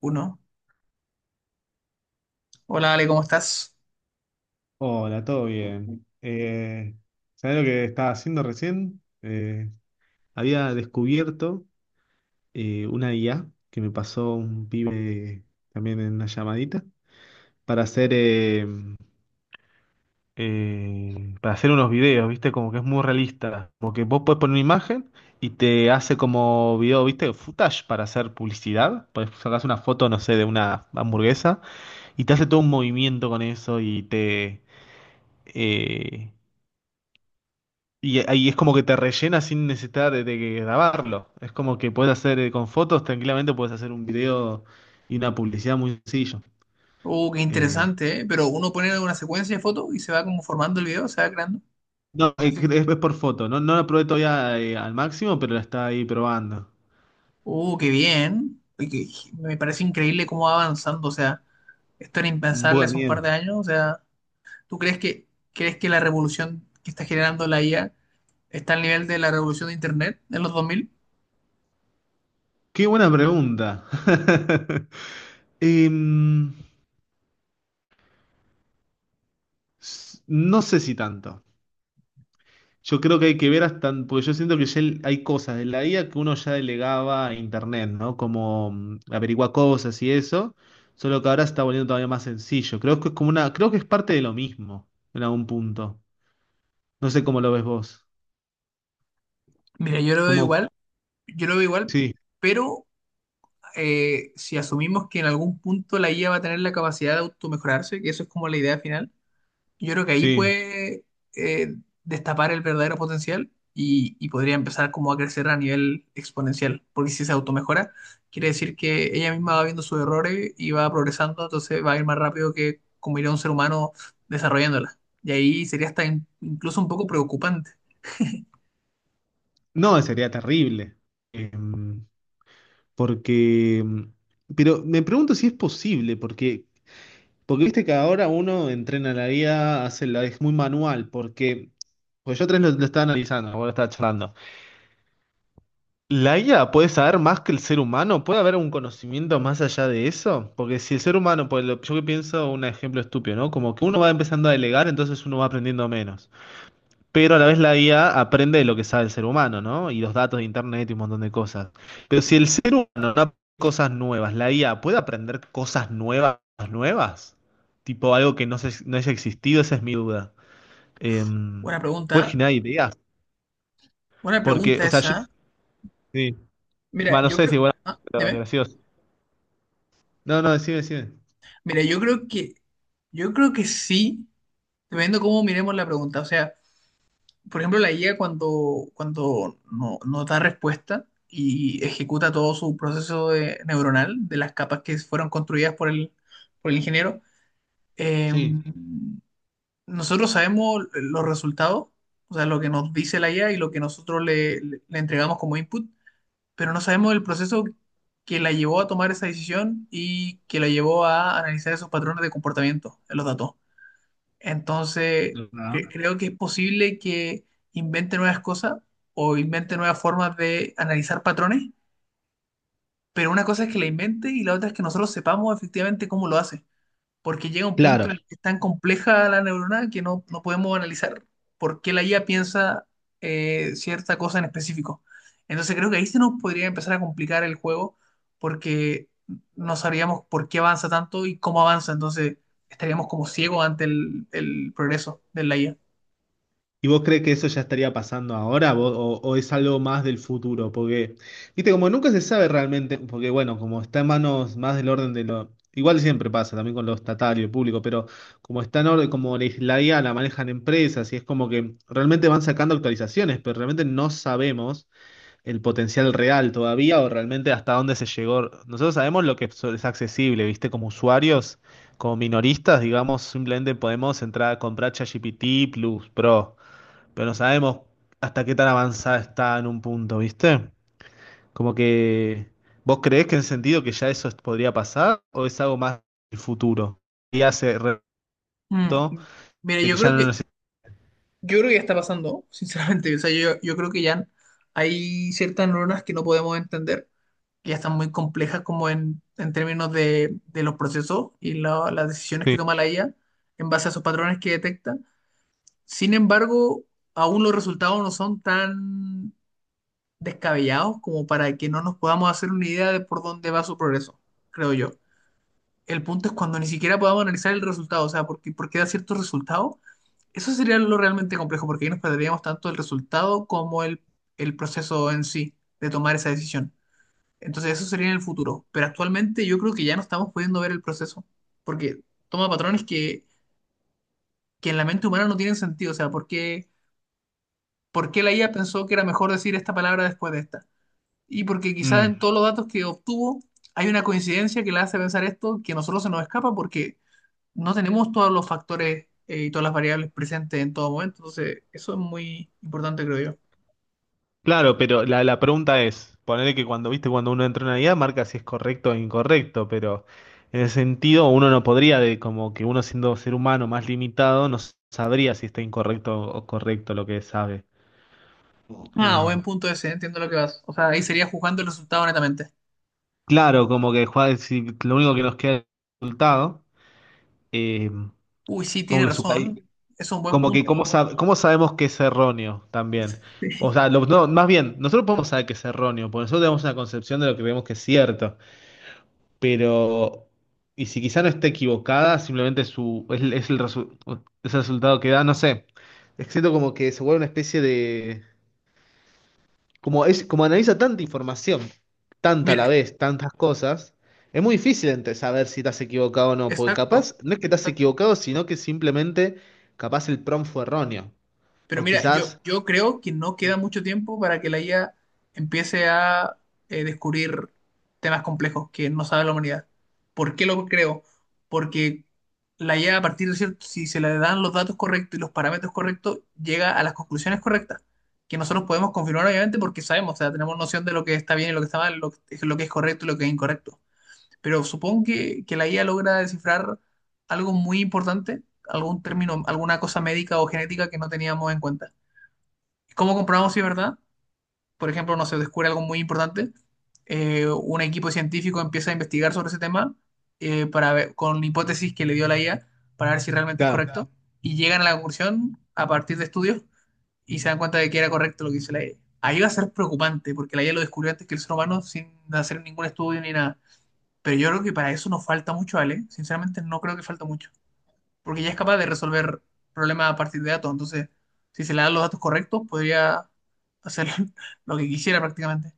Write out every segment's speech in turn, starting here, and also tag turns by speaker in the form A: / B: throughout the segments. A: Uno. Hola Ale, ¿cómo estás?
B: Hola, todo bien. ¿Sabés lo que estaba haciendo recién? Había descubierto una IA que me pasó un pibe también en una llamadita para hacer, eh, para hacer unos videos, ¿viste? Como que es muy realista. Como que vos podés poner una imagen y te hace como video, ¿viste? Footage para hacer publicidad. Podés sacar una foto, no sé, de una hamburguesa y te hace todo un movimiento con eso y te... eh, Y ahí es como que te rellena sin necesidad de grabarlo. Es como que puedes hacer con fotos, tranquilamente puedes hacer un video y una publicidad muy sencillo.
A: Oh, qué
B: Eh,
A: interesante, ¿eh? Pero uno pone una secuencia de fotos y se va como formando el video, se va creando.
B: no, eh,
A: Así.
B: es, es por foto. No, no la probé todavía al máximo, pero la está ahí probando.
A: Oh, qué bien. Oye, me parece increíble cómo va avanzando. O sea, esto era impensable
B: Bueno,
A: hace un par de
B: bien.
A: años. O sea, ¿tú crees que, ¿crees que la revolución que está generando la IA está al nivel de la revolución de Internet en los 2000?
B: Qué buena pregunta. Em, no sé si tanto. Yo creo que hay que ver hasta, porque yo siento que ya hay cosas de la IA que uno ya delegaba a internet, ¿no? Como averiguar cosas y eso, solo que ahora se está volviendo todavía más sencillo. Creo que es como creo que es parte de lo mismo en algún punto. No sé cómo lo ves vos.
A: Mira, yo lo veo
B: Como,
A: igual, yo lo veo igual,
B: sí,
A: pero si asumimos que en algún punto la IA va a tener la capacidad de automejorarse, que eso es como la idea final, yo creo que ahí
B: sí.
A: puede eh, destapar el verdadero potencial y podría empezar como a crecer a nivel exponencial, porque si se automejora, quiere decir que ella misma va viendo sus errores y va progresando, entonces va a ir más rápido que como iría un ser humano desarrollándola. Y ahí sería hasta incluso un poco preocupante.
B: No, sería terrible. Em, porque, pero me pregunto si es posible, porque porque viste que ahora uno entrena la IA, hace la, es muy manual, porque pues yo tres lo estaba analizando, vos lo estaba charlando. ¿La IA puede saber más que el ser humano? ¿Puede haber un conocimiento más allá de eso? Porque si el ser humano, pues yo que pienso un ejemplo estúpido, ¿no? Como que uno va empezando a delegar, entonces uno va aprendiendo menos pero a la vez la IA aprende de lo que sabe el ser humano, ¿no? Y los datos de internet y un montón de cosas. Pero si el ser humano no aprende cosas nuevas, la IA puede aprender cosas nuevas, tipo algo que no haya existido, esa es mi duda. Em,
A: Buena
B: puede
A: pregunta, ¿eh?
B: generar ideas,
A: Buena
B: porque,
A: pregunta
B: o sea, yo,
A: esa.
B: sí,
A: Mira,
B: bueno, no
A: yo
B: sé
A: creo,
B: bueno,
A: ah,
B: pero
A: dime.
B: gracioso. No, no, decime, decime.
A: Mira, yo creo que sí, dependiendo cómo miremos la pregunta, o sea. Por ejemplo, la IA cuando no da respuesta y ejecuta todo su neuronal de las capas que fueron construidas por el ingeniero, eh,
B: Sí.
A: nosotros sabemos los resultados, o sea, lo que nos dice la IA y lo que nosotros le entregamos como input, pero no sabemos el proceso que la llevó a tomar esa decisión y que la llevó a analizar esos patrones de comportamiento en los datos. Entonces,
B: ¿Verdad?
A: creo que es posible que invente nuevas cosas o invente nuevas formas de analizar patrones, pero una cosa es que la invente y la otra es que nosotros sepamos efectivamente cómo lo hace, porque llega un punto en
B: Claro,
A: el que es tan compleja la neurona que no podemos analizar por qué la IA piensa cierta cosa en específico. Entonces, creo que ahí se nos podría empezar a complicar el juego porque no sabríamos por qué avanza tanto y cómo avanza, entonces estaríamos como ciegos ante el progreso de la IA.
B: ¿y vos crees que eso ya estaría pasando ahora o es algo más del futuro? Porque, viste, como nunca se sabe realmente, porque bueno, como está en manos más del orden de lo... Igual siempre pasa también con lo estatal y el público, pero como está en orden, como la IA la manejan empresas y es como que realmente van sacando actualizaciones, pero realmente no sabemos el potencial real todavía o realmente hasta dónde se llegó. Nosotros sabemos lo que es accesible, viste, como usuarios, como minoristas, digamos, simplemente podemos entrar a comprar ChatGPT Plus Pro pero no sabemos hasta qué tan avanzada está en un punto, ¿viste? Como que, ¿vos creés que en el sentido que ya eso podría pasar o es algo más del futuro? Y hace
A: Mm.
B: reto
A: Mira,
B: de que ya no necesita...
A: yo creo que ya está pasando, sinceramente. O sea, yo creo que ya hay ciertas neuronas que no podemos entender, que ya están muy complejas como en términos de los procesos y las decisiones que toma la IA en base a esos patrones que detecta. Sin embargo, aún los resultados no son tan descabellados como para que no nos podamos hacer una idea de por dónde va su progreso, creo yo. El punto es cuando ni siquiera podamos analizar el resultado, o sea, porque da ciertos resultados. Eso sería lo realmente complejo, porque ahí nos perderíamos tanto el resultado como el proceso en sí de tomar esa decisión. Entonces, eso sería en el futuro. Pero actualmente yo creo que ya no estamos pudiendo ver el proceso, porque toma patrones que en la mente humana no tienen sentido. O sea, ¿por qué la IA pensó que era mejor decir esta palabra después de esta? Y porque quizás en todos los datos que obtuvo hay una coincidencia que la hace pensar esto que a nosotros se nos escapa porque no tenemos todos los factores y todas las variables presentes en todo momento. Entonces, eso es muy importante, creo yo.
B: Claro, pero la pregunta es, ponerle que cuando, viste, cuando uno entra en una IA marca si es correcto o incorrecto, pero en el sentido uno no podría, de como que uno siendo ser humano más limitado, no sabría si está incorrecto o correcto lo que sabe.
A: Ah,
B: Eh,
A: buen punto ese, entiendo lo que vas. O sea, ahí sería juzgando el resultado netamente.
B: Claro, como que juega, si lo único que nos queda es el resultado, eh,
A: Uy, sí,
B: como
A: tiene
B: que
A: razón. Es un buen
B: como que
A: punto.
B: cómo, cómo sabemos que es erróneo también. O sea, no, más bien, nosotros podemos saber que es erróneo, porque nosotros tenemos una concepción de lo que vemos que es cierto, pero, y si quizá no esté equivocada, simplemente su, es el resu- es el resultado que da, no sé. Es que siento como que se vuelve una especie de... como es, como analiza tanta información, tanta a la
A: Mira,
B: vez, tantas cosas, es muy difícil entre saber si te has equivocado o no, porque
A: exacto.
B: capaz no es que te has
A: Exacto.
B: equivocado, sino que simplemente capaz el prompt fue erróneo.
A: Pero
B: O
A: mira,
B: quizás,
A: yo creo que no queda mucho tiempo para que la IA empiece a descubrir temas complejos que no sabe la humanidad. ¿Por qué lo creo? Porque la IA, a partir de cierto, si se le dan los datos correctos y los parámetros correctos, llega a las conclusiones correctas, que nosotros podemos confirmar obviamente porque sabemos, o sea, tenemos noción de lo que está bien y lo que está mal, lo que es correcto y lo que es incorrecto. Pero supongo que la IA logra descifrar algo muy importante, algún término, alguna cosa médica o genética que no teníamos en cuenta. ¿Cómo comprobamos si es verdad? Por ejemplo, no se descubre algo muy importante. Eh, un equipo científico empieza a investigar sobre ese tema, para ver, con hipótesis que le dio la IA, para ver si realmente es
B: claro,
A: correcto. Y llegan a la conclusión a partir de estudios y se dan cuenta de que era correcto lo que hizo la IA. Ahí va a ser preocupante porque la IA lo descubrió antes que el ser humano sin hacer ningún estudio ni nada. Pero yo creo que para eso nos falta mucho, Ale. Sinceramente, no creo que falta mucho porque ya es capaz de resolver problemas a partir de datos. Entonces, si se le dan los datos correctos, podría hacer lo que quisiera prácticamente.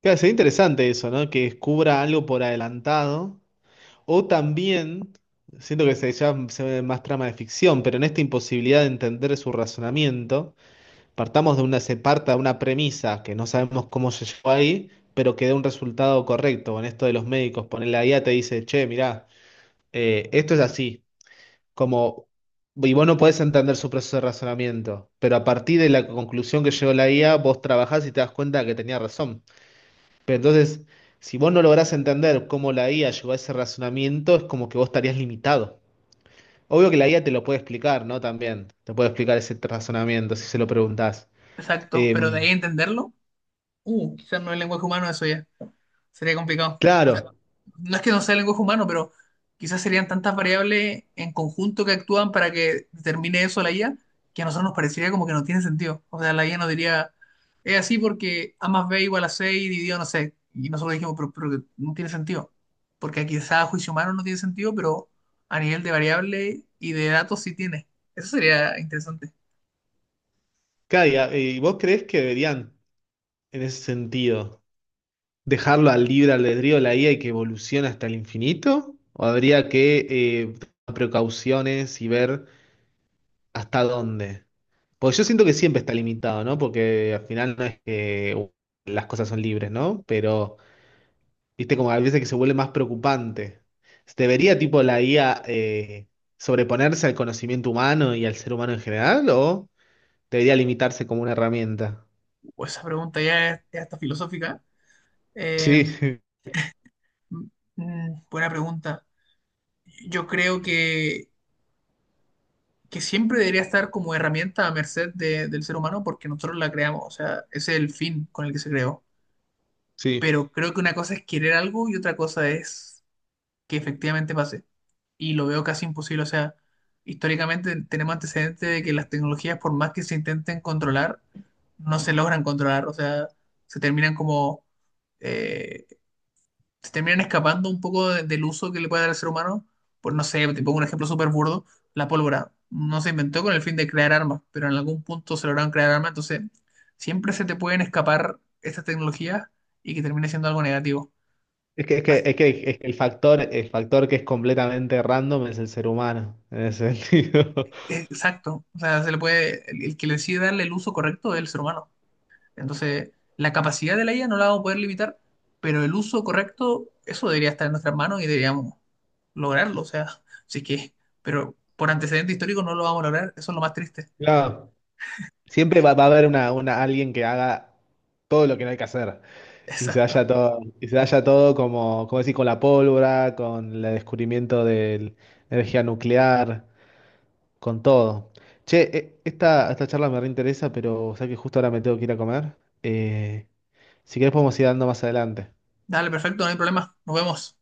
B: claro, sería interesante eso, ¿no? Que descubra algo por adelantado. O también, siento que se, ya se ve más trama de ficción, pero en esta imposibilidad de entender su razonamiento. Partamos de se parta de una premisa que no sabemos cómo se llegó ahí, pero que dé un resultado correcto. En esto de los médicos, ponerle la guía te dice, che, mirá, esto es así. Como, y vos no podés entender su proceso de razonamiento, pero a partir de la conclusión que llegó la guía, vos trabajás y te das cuenta que tenía razón. Pero entonces, si vos no lográs entender cómo la guía llegó a ese razonamiento, es como que vos estarías limitado. Obvio que la guía te lo puede explicar, ¿no? También, te puede explicar ese razonamiento si se lo preguntás.
A: Exacto, pero de
B: Em,
A: ahí entenderlo, quizás no es lenguaje humano eso ya, sería complicado. O sea,
B: claro.
A: no es que no sea el lenguaje humano, pero quizás serían tantas variables en conjunto que actúan para que determine eso la IA, que a nosotros nos parecería como que no tiene sentido. O sea, la IA nos diría, es así porque A más B igual a 6 dividido, no sé. Y nosotros dijimos, pero que no tiene sentido. Porque quizás a juicio humano no tiene sentido, pero a nivel de variable y de datos sí tiene. Eso sería interesante.
B: Claro, ¿y vos crees que deberían, en ese sentido, dejarlo al libre albedrío de la IA y que evolucione hasta el infinito? ¿O habría que tomar precauciones y ver hasta dónde? Porque yo siento que siempre está limitado, ¿no? Porque al final no es que las cosas son libres, ¿no? Pero, viste, como a veces que se vuelve más preocupante. ¿Debería, tipo, la IA sobreponerse al conocimiento humano y al ser humano en general? ¿O debería limitarse como una herramienta?
A: Pues esa pregunta ya está filosófica. Eh,
B: Sí,
A: mm, buena pregunta. Yo creo que siempre debería estar como herramienta a merced del ser humano porque nosotros la creamos, o sea, ese es el fin con el que se creó.
B: sí.
A: Pero creo que una cosa es querer algo y otra cosa es que efectivamente pase. Y lo veo casi imposible, o sea, históricamente tenemos antecedentes de que las tecnologías, por más que se intenten controlar, no se logran controlar, o sea, se terminan como eh, se terminan escapando un poco del uso que le puede dar al ser humano. Por no sé, te pongo un ejemplo súper burdo: la pólvora no se inventó con el fin de crear armas, pero en algún punto se lograron crear armas, entonces siempre se te pueden escapar estas tecnologías y que termine siendo algo negativo.
B: Es que, es que,
A: Así-
B: es que, es que el factor que es completamente random es el ser humano, en ese sentido.
A: Exacto, o sea, se le puede, el que le decide darle el uso correcto es el ser humano. Entonces, la capacidad de la IA no la vamos a poder limitar, pero el uso correcto, eso debería estar en nuestras manos y deberíamos lograrlo. O sea, sí que, pero por antecedente histórico no lo vamos a lograr, eso es lo más triste.
B: Claro, siempre va a haber una, alguien que haga todo lo que no hay que hacer. Y se
A: Exacto.
B: haya todo, y se haya todo como, como decir, con la pólvora, con el descubrimiento de la energía nuclear, con todo. Che, esta charla me reinteresa, pero o sea que justo ahora me tengo que ir a comer. Eh, si querés podemos ir dando más adelante.
A: Dale, perfecto, no hay problema. Nos vemos.